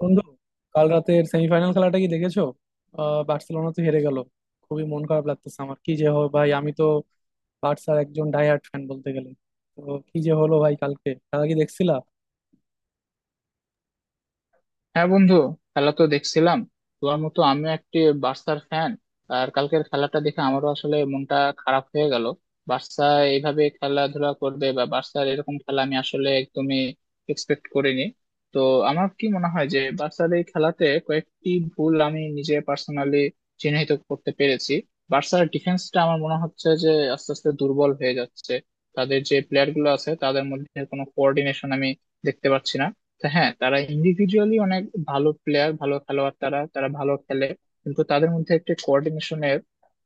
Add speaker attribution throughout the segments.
Speaker 1: বন্ধু, কাল রাতের সেমিফাইনাল খেলাটা কি দেখেছো? বার্সেলোনা তো হেরে গেল। খুবই মন খারাপ লাগতেছে। আমার কি যে হয় ভাই, আমি তো বার্সার একজন ডাইহার্ট ফ্যান বলতে গেলে। তো কি যে হলো ভাই? কালকে খেলা কি দেখছিলা?
Speaker 2: হ্যাঁ বন্ধু, খেলা তো দেখছিলাম। তোমার মতো আমিও একটি বার্সার ফ্যান। আর কালকের খেলাটা দেখে আমারও আসলে মনটা খারাপ হয়ে গেল। বার্সা এইভাবে খেলাধুলা করবে বা বার্সার এরকম খেলা আমি আসলে একদমই এক্সপেক্ট করিনি। তো আমার কি মনে হয় যে বার্সার এই খেলাতে কয়েকটি ভুল আমি নিজে পার্সোনালি চিহ্নিত করতে পেরেছি। বার্সার ডিফেন্সটা আমার মনে হচ্ছে যে আস্তে আস্তে দুর্বল হয়ে যাচ্ছে। তাদের যে প্লেয়ার গুলো আছে তাদের মধ্যে কোনো কোঅর্ডিনেশন আমি দেখতে পাচ্ছি না। তো হ্যাঁ, তারা ইন্ডিভিজুয়ালি অনেক ভালো প্লেয়ার, ভালো খেলোয়াড়, তারা তারা ভালো খেলে, কিন্তু তাদের মধ্যে একটা কোঅর্ডিনেশনের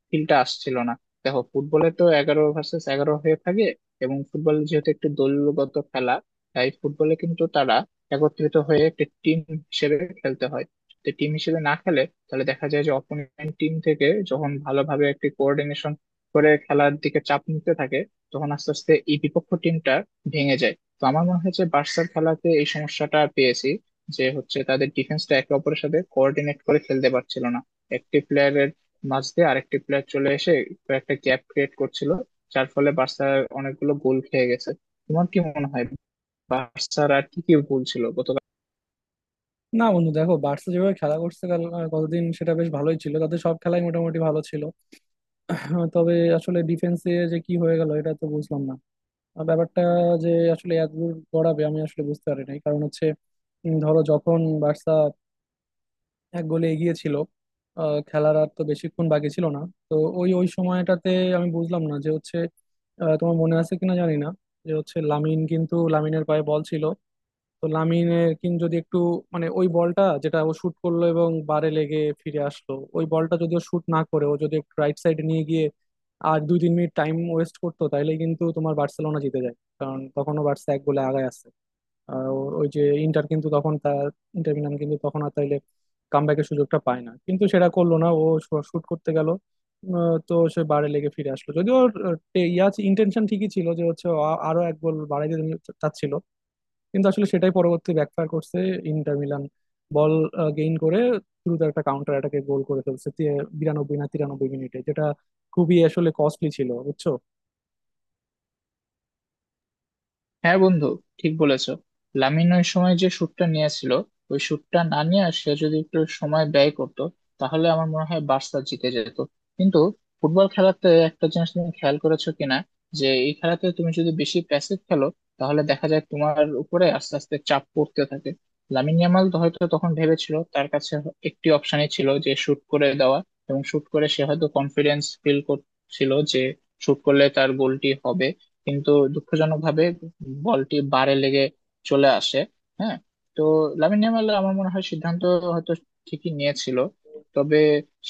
Speaker 2: ফিলটা আসছিল না। দেখো, ফুটবলে তো 11 ভার্সেস 11 হয়ে থাকে, এবং ফুটবল যেহেতু একটি দলগত খেলা, তাই ফুটবলে কিন্তু তারা একত্রিত হয়ে একটি টিম হিসেবে খেলতে হয়। তো টিম হিসেবে না খেলে, তাহলে দেখা যায় যে অপোনেন্ট টিম থেকে যখন ভালোভাবে একটি কোঅর্ডিনেশন করে খেলার দিকে চাপ নিতে থাকে, তখন আস্তে আস্তে এই বিপক্ষ টিমটা ভেঙে যায়। তো আমার মনে হয় যে বার্সার খেলাতে এই সমস্যাটা পেয়েছি, যে হচ্ছে তাদের ডিফেন্সটা একে অপরের সাথে কোঅর্ডিনেট করে খেলতে পারছিল না। একটি প্লেয়ারের মাঝ দিয়ে আরেকটি প্লেয়ার চলে এসে কয়েকটা গ্যাপ ক্রিয়েট করছিল, যার ফলে বার্সা অনেকগুলো গোল খেয়ে গেছে। তোমার কি মনে হয় বার্সার আর কি কি ভুল ছিল গত?
Speaker 1: না বন্ধু, দেখো বার্সা যেভাবে খেলা করছে কাল গতদিন, সেটা বেশ ভালোই ছিল। তাদের সব খেলাই মোটামুটি ভালো ছিল। তবে আসলে ডিফেন্সে যে কি হয়ে গেল এটা তো বুঝলাম না। আর ব্যাপারটা যে আসলে এত দূর গড়াবে, আমি আসলে বুঝতে পারি নাই। কারণ হচ্ছে ধরো যখন বার্সা এক গোলে এগিয়ে ছিল, খেলার আর তো বেশিক্ষণ বাকি ছিল না। তো ওই ওই সময়টাতে আমি বুঝলাম না যে হচ্ছে, তোমার মনে আছে কিনা জানি না, যে হচ্ছে লামিন, কিন্তু লামিনের পায়ে বল ছিল। তো লামিনের কিন্তু যদি একটু, মানে ওই বলটা যেটা ও শুট করলো এবং বারে লেগে ফিরে আসলো, ওই বলটা যদি ও শুট না করে, ও যদি একটু রাইট সাইডে নিয়ে গিয়ে আর 2-3 মিনিট টাইম ওয়েস্ট করতো, তাহলে কিন্তু তোমার বার্সেলোনা জিতে যায়, কারণ তখনও বার্সা এক গোলে আগায় আছে। আহ, ওই যে ইন্টার কিন্তু তখন তার ইন্টার মিলান কিন্তু তখন আর তাইলে কামব্যাকের সুযোগটা পায় না, কিন্তু সেটা করলো না ও, শুট করতে গেল। তো সে বারে লেগে ফিরে আসলো, যদিও ওর আহ, টে- ইয়া ইন্টেনশন ঠিকই ছিল, যে হচ্ছে ও আরো এক গোল বাড়াইতে তিনি চাচ্ছিল। কিন্তু আসলে সেটাই পরবর্তী ব্যাকফায়ার করছে। ইন্টার মিলান বল গেইন করে দ্রুত একটা কাউন্টার অ্যাটাকে গোল করে ফেলছে 92 না 93 মিনিটে, যেটা খুবই আসলে কস্টলি ছিল, বুঝছো?
Speaker 2: হ্যাঁ বন্ধু, ঠিক বলেছো। লামিন ওই সময় যে শুটটা নিয়েছিল, ওই শুটটা না নিয়ে সে যদি একটু সময় ব্যয় করতো, তাহলে আমার মনে হয় বার্সা জিতে যেত। কিন্তু ফুটবল খেলাতে একটা জিনিস তুমি খেয়াল করেছো কিনা, যে এই খেলাতে তুমি যদি বেশি প্যাসিভ খেলো, তাহলে দেখা যায় তোমার উপরে আস্তে আস্তে চাপ পড়তে থাকে। লামিন ইয়ামাল তো হয়তো তখন ভেবেছিল তার কাছে একটি অপশনই ছিল, যে শুট করে দেওয়া। এবং শুট করে সে হয়তো কনফিডেন্স ফিল করছিল যে শুট করলে তার গোলটি হবে, কিন্তু দুঃখজনকভাবে বলটি বারে লেগে চলে আসে। হ্যাঁ। তো লামিন ইয়ামাল, আমার মনে হয়, সিদ্ধান্ত হয়তো ঠিকই নিয়েছিল। তবে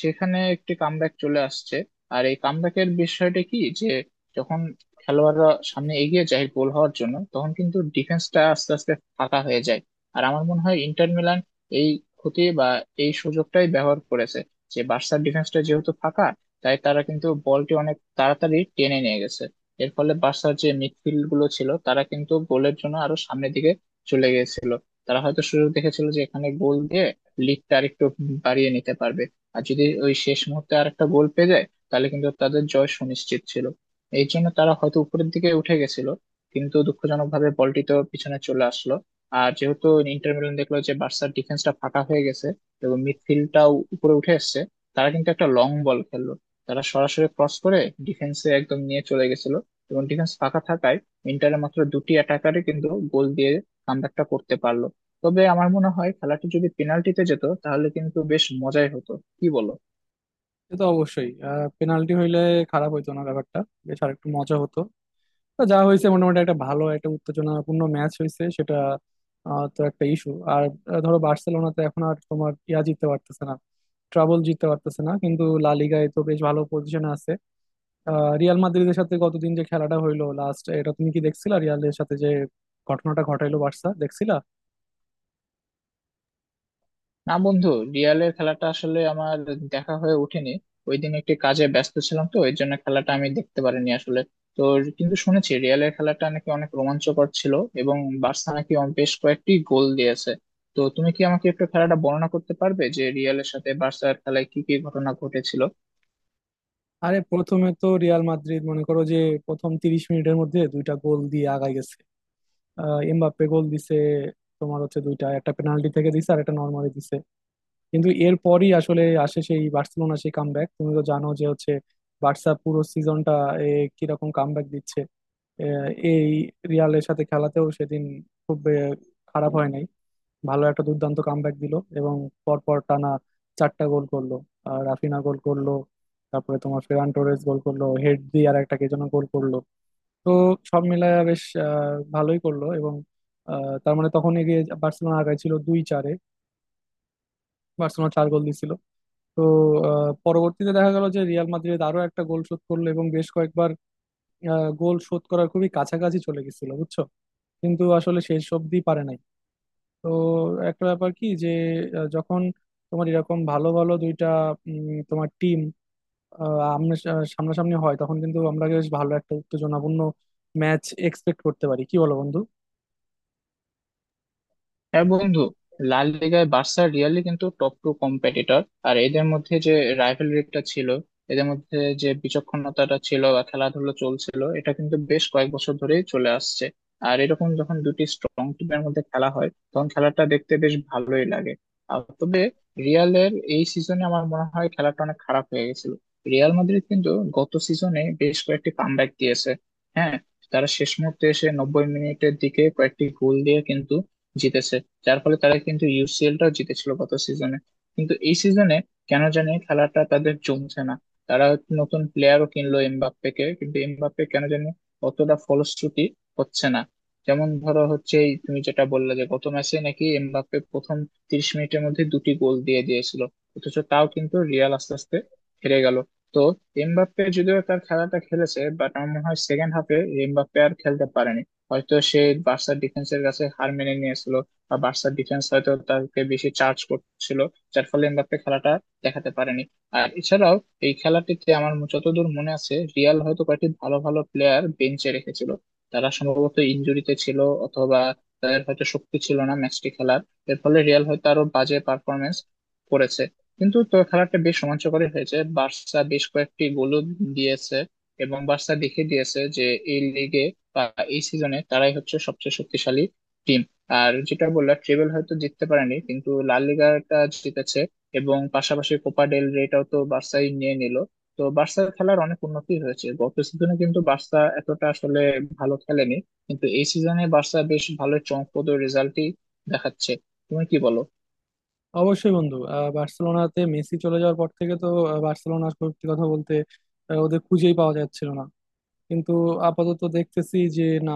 Speaker 2: সেখানে একটি কামব্যাক চলে আসছে। আর এই কামব্যাকের বিষয়টা কি, যে যখন খেলোয়াড়রা সামনে এগিয়ে যায় গোল হওয়ার জন্য, তখন কিন্তু ডিফেন্সটা আস্তে আস্তে ফাঁকা হয়ে যায়। আর আমার মনে হয় ইন্টার মিলান এই ক্ষতি বা এই সুযোগটাই ব্যবহার করেছে। যে বার্সার ডিফেন্সটা যেহেতু ফাঁকা, তাই তারা কিন্তু বলটি অনেক তাড়াতাড়ি টেনে নিয়ে গেছে। এর ফলে বার্সার যে মিডফিল্ড গুলো ছিল, তারা কিন্তু গোলের জন্য আরো সামনের দিকে চলে গিয়েছিল। তারা হয়তো সুযোগ দেখেছিল যে এখানে গোল দিয়ে লিডটা আরেকটু বাড়িয়ে নিতে পারবে, আর যদি ওই শেষ মুহূর্তে আর একটা গোল পেয়ে যায় তাহলে কিন্তু তাদের জয় সুনিশ্চিত ছিল। এই জন্য তারা হয়তো উপরের দিকে উঠে গেছিল। কিন্তু দুঃখজনকভাবে বলটি তো পিছনে চলে আসলো। আর যেহেতু ইন্টার মিলান দেখলো যে বার্সার ডিফেন্সটা ফাঁকা হয়ে গেছে এবং মিডফিল্ডটাও উপরে উঠে এসেছে, তারা কিন্তু একটা লং বল খেললো। তারা সরাসরি ক্রস করে ডিফেন্সে একদম নিয়ে চলে গেছিল, এবং ডিফেন্স ফাঁকা থাকায় ইন্টারের মাত্র দুটি অ্যাটাকারে কিন্তু গোল দিয়ে কামব্যাকটা করতে পারলো। তবে আমার মনে হয় খেলাটি যদি পেনাল্টিতে যেত তাহলে কিন্তু বেশ মজাই হতো, কি বলো?
Speaker 1: সে তো অবশ্যই। পেনাল্টি হইলে খারাপ হইতো না ব্যাপারটা, বেশ আরেকটু মজা হতো। তো যা হয়েছে, মোটামুটি একটা ভালো একটা উত্তেজনাপূর্ণ ম্যাচ হয়েছে সেটা। তো একটা ইস্যু আর, ধরো বার্সেলোনা তো এখন আর তোমার জিততে পারতেছে না, ট্রাবল জিততে পারতেছে না, কিন্তু লা লিগায় তো বেশ ভালো পজিশনে আছে। রিয়াল মাদ্রিদের সাথে গতদিন যে খেলাটা হইলো লাস্ট, এটা তুমি কি দেখছিলা? রিয়ালের সাথে যে ঘটনাটা ঘটাইলো বার্সা, দেখছিলা?
Speaker 2: না বন্ধু, রিয়ালের খেলাটা আসলে আমার দেখা হয়ে ওঠেনি। ওই দিন একটি কাজে ব্যস্ত ছিলাম, তো এর জন্য খেলাটা আমি দেখতে পারিনি আসলে। তো কিন্তু শুনেছি রিয়ালের খেলাটা নাকি অনেক রোমাঞ্চকর ছিল এবং বার্সা নাকি বেশ কয়েকটি গোল দিয়েছে। তো তুমি কি আমাকে একটু খেলাটা বর্ণনা করতে পারবে যে রিয়ালের সাথে বার্সার খেলায় কি কি ঘটনা ঘটেছিল?
Speaker 1: আরে প্রথমে তো রিয়াল মাদ্রিদ, মনে করো যে, প্রথম 30 মিনিটের মধ্যে 2টা গোল দিয়ে আগায় গেছে। এমবাপ্পে গোল দিছে তোমার, হচ্ছে দুইটা, একটা পেনাল্টি থেকে দিছে আর একটা নর্মালি দিছে। কিন্তু এরপরই আসলে আসে সেই বার্সেলোনা, সেই কামব্যাক। তুমি তো জানো যে হচ্ছে বার্সা পুরো সিজনটা কিরকম কামব্যাক দিচ্ছে। এই রিয়ালের সাথে খেলাতেও সেদিন খুব খারাপ হয় নাই, ভালো একটা দুর্দান্ত কামব্যাক দিল এবং পরপর টানা 4টা গোল করলো। আর রাফিনা গোল করলো, তারপরে তোমার ফেরান টোরেস গোল করলো হেড দিয়ে, আর একটা কে যেন গোল করলো। তো সব মিলায় বেশ ভালোই করলো, এবং তার মানে তখন এগিয়ে বার্সেলোনা আগায় ছিল দুই চারে, বার্সেলোনা 4 গোল দিছিল। তো পরবর্তীতে দেখা গেল যে রিয়াল মাদ্রিদ আরো একটা গোল শোধ করলো এবং বেশ কয়েকবার গোল শোধ করার খুবই কাছাকাছি চলে গেছিল, বুঝছো, কিন্তু আসলে শেষ অবধি পারে নাই। তো একটা ব্যাপার কি যে, যখন তোমার এরকম ভালো ভালো দুইটা তোমার টিম, আমরা সামনাসামনি হয়, তখন কিন্তু আমরা বেশ ভালো একটা উত্তেজনাপূর্ণ ম্যাচ এক্সপেক্ট করতে পারি, কি বলো বন্ধু?
Speaker 2: হ্যাঁ বন্ধু, লা লিগায় বার্সা রিয়ালি কিন্তু টপ 2 কম্পিটিটর। আর এদের মধ্যে যে রাইভালরিটা ছিল, এদের মধ্যে যে বিচক্ষণতাটা ছিল বা খেলাধুলো চলছিল, এটা কিন্তু বেশ কয়েক বছর ধরেই চলে আসছে। আর এরকম যখন দুটি স্ট্রং টিমের মধ্যে খেলা হয়, তখন খেলাটা দেখতে বেশ ভালোই লাগে। আর তবে রিয়ালের এই সিজনে আমার মনে হয় খেলাটা অনেক খারাপ হয়ে গেছিল। রিয়াল মাদ্রিদ কিন্তু গত সিজনে বেশ কয়েকটি কামব্যাক দিয়েছে। হ্যাঁ, তারা শেষ মুহূর্তে এসে 90 মিনিটের দিকে কয়েকটি গোল দিয়ে কিন্তু জিতেছে, যার ফলে তারা কিন্তু ইউসিএলটাও জিতেছিল গত সিজনে। কিন্তু এই সিজনে কেন জানি খেলাটা তাদের জমছে না। তারা নতুন প্লেয়ারও কিনলো, এমবাপ্পেকে, কিন্তু এমবাপ্পে কেন জানি অতটা ফলশ্রুতি হচ্ছে না। যেমন ধরো হচ্ছে, এই তুমি যেটা বললে, যে গত ম্যাচে নাকি এমবাপ্পে প্রথম 30 মিনিটের মধ্যে দুটি গোল দিয়ে দিয়েছিল, অথচ তাও কিন্তু রিয়াল আস্তে আস্তে হেরে গেল। তো এমবাপ্পে যদিও তার খেলাটা খেলেছে, বাট আমার মনে হয় সেকেন্ড হাফে এমবাপ্পে আর খেলতে পারেনি। হয়তো সে বার্সার ডিফেন্সের কাছে হার মেনে নিয়েছিল, বা বার্সার ডিফেন্স হয়তো তাকে বেশি চার্জ করছিল, যার ফলে এমবাপ্পে খেলাটা দেখাতে পারেনি। আর এছাড়াও এই খেলাটিতে আমার যতদূর মনে আছে, রিয়াল হয়তো কয়েকটি ভালো ভালো প্লেয়ার বেঞ্চে রেখেছিল। তারা সম্ভবত ইনজুরিতে ছিল, অথবা তাদের হয়তো শক্তি ছিল না ম্যাচটি খেলার। এর ফলে রিয়াল হয়তো আরো বাজে পারফরমেন্স করেছে। কিন্তু তো খেলাটা বেশ রোমাঞ্চকরই হয়েছে, বার্সা বেশ কয়েকটি গোল দিয়েছে এবং বার্সা দেখিয়ে দিয়েছে যে এই লিগে বা এই সিজনে তারাই হচ্ছে সবচেয়ে শক্তিশালী টিম। আর যেটা বললাম, ট্রেবেল হয়তো জিততে পারেনি কিন্তু লা লিগাটা জিতেছে, এবং পাশাপাশি কোপা ডেল রেটাও তো বার্সাই নিয়ে নিল। তো বার্সার খেলার অনেক উন্নতি হয়েছে। গত সিজনে কিন্তু বার্সা এতটা আসলে ভালো খেলেনি, কিন্তু এই সিজনে বার্সা বেশ ভালো চমকপ্রদ রেজাল্টই দেখাচ্ছে। তুমি কি বলো?
Speaker 1: অবশ্যই বন্ধু। বার্সেলোনাতে মেসি চলে যাওয়ার পর থেকে তো বার্সেলোনা, সত্যি কথা বলতে ওদের খুঁজেই পাওয়া যাচ্ছিল না। কিন্তু আপাতত দেখতেছি যে না,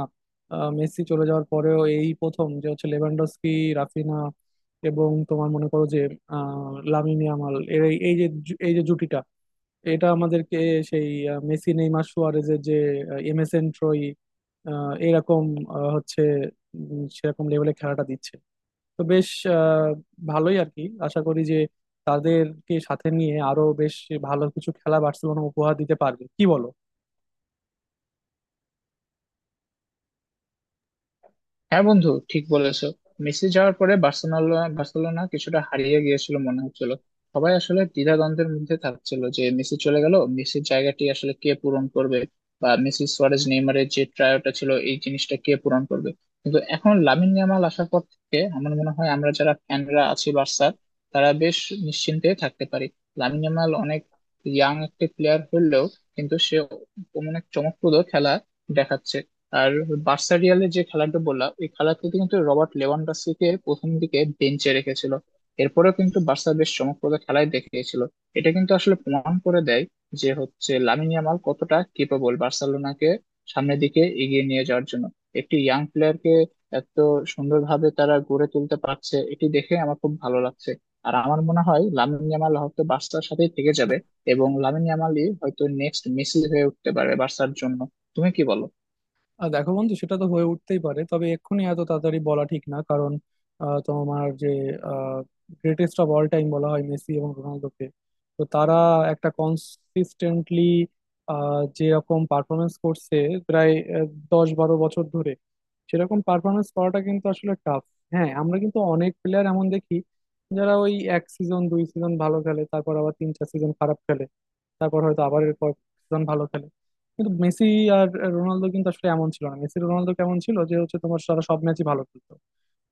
Speaker 1: মেসি চলে যাওয়ার পরেও এই প্রথম যে হচ্ছে লেভানডস্কি, রাফিনা এবং তোমার মনে করো যে লামিন ইয়ামাল এর এই এই যে জু- এই যে জুটিটা, এটা আমাদেরকে সেই মেসি নেইমার সুয়ারেজের যে এমএসএন ট্রয়ি, আহ, এরকম আহ, হচ্ছে উম, সেরকম লেভেলে খেলাটা দিচ্ছে। তো বেশ আহ, ভালোই আর কি। আশা করি যে তাদেরকে সাথে নিয়ে আরো বেশ ভালো কিছু খেলা বার্সেলোনা উপহার দিতে পারবে, কি বলো?
Speaker 2: হ্যাঁ বন্ধু, ঠিক বলেছো। মেসি যাওয়ার পরে বার্সেলোনা বার্সেলোনা কিছুটা হারিয়ে গিয়েছিল মনে হচ্ছিল। সবাই আসলে দ্বিধাদ্বন্দ্বের মধ্যে থাকছিল যে মেসি চলে গেল, মেসির জায়গাটি আসলে কে পূরণ করবে, বা মেসি সুয়ারেজ নেইমারের যে ট্রায়োটা ছিল, এই জিনিসটা কে পূরণ করবে। কিন্তু এখন লামিন ইয়ামাল আসার পর থেকে আমার মনে হয় আমরা যারা ফ্যানরা আছি বার্সার, তারা বেশ নিশ্চিন্তে থাকতে পারি। লামিন ইয়ামাল অনেক ইয়াং একটি প্লেয়ার হলেও কিন্তু সে অনেক চমকপ্রদ খেলা দেখাচ্ছে। আর বার্সা রিয়ালের যে খেলাটা বললাম, ওই খেলাতে কিন্তু রবার্ট লেভানডস্কিকে প্রথম দিকে বেঞ্চে রেখেছিল, এরপরেও কিন্তু বার্সা বেশ চমকপ্রদ খেলাই দেখিয়েছিল। এটা কিন্তু আসলে প্রমাণ করে দেয় যে হচ্ছে লামিন ইয়ামাল কতটা কেপেবল বার্সেলোনাকে সামনের দিকে এগিয়ে নিয়ে যাওয়ার জন্য। একটি ইয়াং প্লেয়ারকে এত সুন্দরভাবে তারা গড়ে তুলতে পারছে, এটি দেখে আমার খুব ভালো লাগছে। আর আমার মনে হয় লামিন ইয়ামাল হয়তো বার্সার সাথেই থেকে যাবে এবং লামিন ইয়ামালই হয়তো নেক্সট মেসি হয়ে উঠতে পারে বার্সার জন্য। তুমি কি বলো?
Speaker 1: দেখো বন্ধু, সেটা তো হয়ে উঠতেই পারে, তবে এক্ষুনি এত তাড়াতাড়ি বলা ঠিক না। কারণ তোমার যে গ্রেটেস্ট অফ অল টাইম বলা হয় মেসি এবং রোনালদোকে, তো তারা একটা কনসিস্টেন্টলি যেরকম পারফরমেন্স করছে প্রায় 10-12 বছর ধরে, সেরকম পারফরমেন্স করাটা কিন্তু আসলে টাফ। হ্যাঁ, আমরা কিন্তু অনেক প্লেয়ার এমন দেখি যারা ওই এক সিজন দুই সিজন ভালো খেলে, তারপর আবার তিন চার সিজন খারাপ খেলে, তারপর হয়তো আবার এরপর সিজন ভালো খেলে। কিন্তু মেসি আর রোনালদো কিন্তু আসলে এমন ছিল না। মেসি রোনালদো কেমন ছিল যে হচ্ছে তোমার, তারা সব ম্যাচই ভালো খেলতো।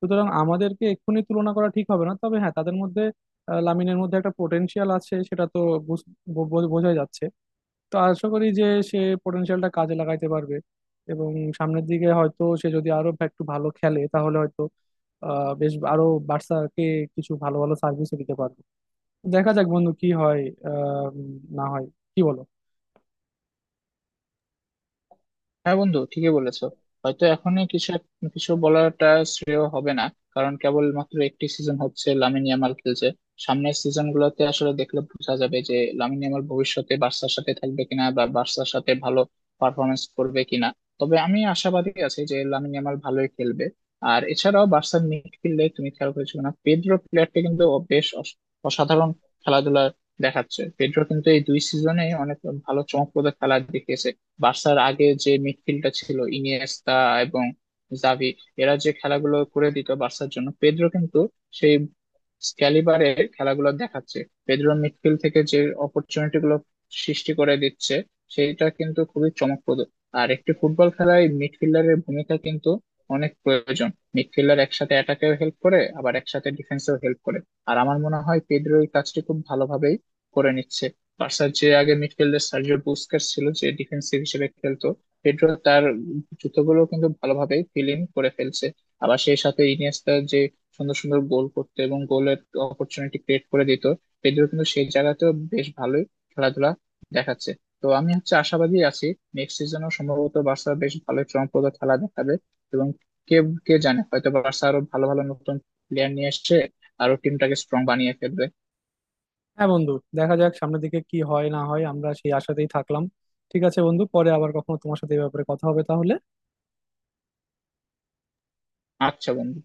Speaker 1: সুতরাং আমাদেরকে এক্ষুনি তুলনা করা ঠিক হবে না, তবে হ্যাঁ তাদের মধ্যে, লামিনের মধ্যে একটা পোটেনশিয়াল আছে সেটা তো বুঝ- বো- বো- বোঝাই যাচ্ছে। তো আশা করি যে সে পোটেনশিয়ালটা কাজে লাগাইতে পারবে এবং সামনের দিকে হয়তো সে যদি আরো একটু ভালো খেলে, তাহলে হয়তো বেশ আরো বার্সাকে কিছু ভালো ভালো সার্ভিসও দিতে পারবে। দেখা যাক বন্ধু কি হয় আহ উম, না হয়, কি বলো?
Speaker 2: হ্যাঁ বন্ধু, ঠিকই বলেছো। হয়তো এখনই কিছু বলাটা শ্রেয় হবে না, কারণ কেবলমাত্র একটি সিজন হচ্ছে লামিন ইয়ামাল খেলছে। সামনের সিজন গুলোতে আসলে দেখলে বোঝা যাবে যে লামিন ইয়ামাল ভবিষ্যতে বার্সার সাথে থাকবে কিনা বা বার্সার সাথে ভালো পারফরমেন্স করবে কিনা। তবে আমি আশাবাদী আছি যে লামিন ইয়ামাল ভালোই খেলবে। আর এছাড়াও বার্সার মিডফিল্ডে তুমি খেয়াল করেছো না, পেড্রো প্লেয়ারটা কিন্তু ও বেশ অসাধারণ খেলাধুলা দেখাচ্ছে। পেড্রো কিন্তু এই 2 সিজনে অনেক ভালো চমকপ্রদ খেলা দেখিয়েছে। বার্সার আগে যে মিডফিল্ডটা ছিল, ইনিয়েস্তা এবং জাভি, এরা যে খেলাগুলো করে দিত বার্সার জন্য, পেদ্রো কিন্তু সেই ক্যালিবারের খেলাগুলো দেখাচ্ছে। পেদ্রো মিডফিল্ড থেকে যে অপরচুনিটি গুলো সৃষ্টি করে দিচ্ছে, সেটা কিন্তু খুবই চমকপ্রদ। আর একটি ফুটবল খেলায় মিডফিল্ডারের ভূমিকা কিন্তু অনেক প্রয়োজন। মিডফিল্ডার একসাথে অ্যাটাকেও হেল্প করে আবার একসাথে ডিফেন্সেও হেল্প করে। আর আমার মনে হয় পেদ্রো এই কাজটি খুব ভালোভাবেই করে নিচ্ছে। বার্সার যে আগে মিডফিল্ডে সার্জিও বুস্কেটস ছিল, যে ডিফেন্সিভ হিসেবে খেলতো, পেড্রো তার জুতোগুলো কিন্তু ভালোভাবে ফিল ইন করে ফেলছে। আবার সেই সাথে ইনিয়েস্তা যে সুন্দর সুন্দর গোল করতে এবং গোলের অপরচুনিটি ক্রিয়েট করে দিত, পেড্রো কিন্তু সেই জায়গাতেও বেশ ভালোই খেলাধুলা দেখাচ্ছে। তো আমি হচ্ছে আশাবাদী আছি নেক্সট সিজনও সম্ভবত বার্সা বেশ ভালো চমকপ্রদ খেলা দেখাবে। এবং কে কে জানে, হয়তো বার্সা আরো ভালো ভালো নতুন প্লেয়ার নিয়ে এসছে, আরো টিমটাকে স্ট্রং বানিয়ে ফেলবে।
Speaker 1: হ্যাঁ বন্ধু, দেখা যাক সামনের দিকে কি হয় না হয়, আমরা সেই আশাতেই থাকলাম। ঠিক আছে বন্ধু, পরে আবার কখনো তোমার সাথে এই ব্যাপারে কথা হবে তাহলে।
Speaker 2: আচ্ছা বন্ধু।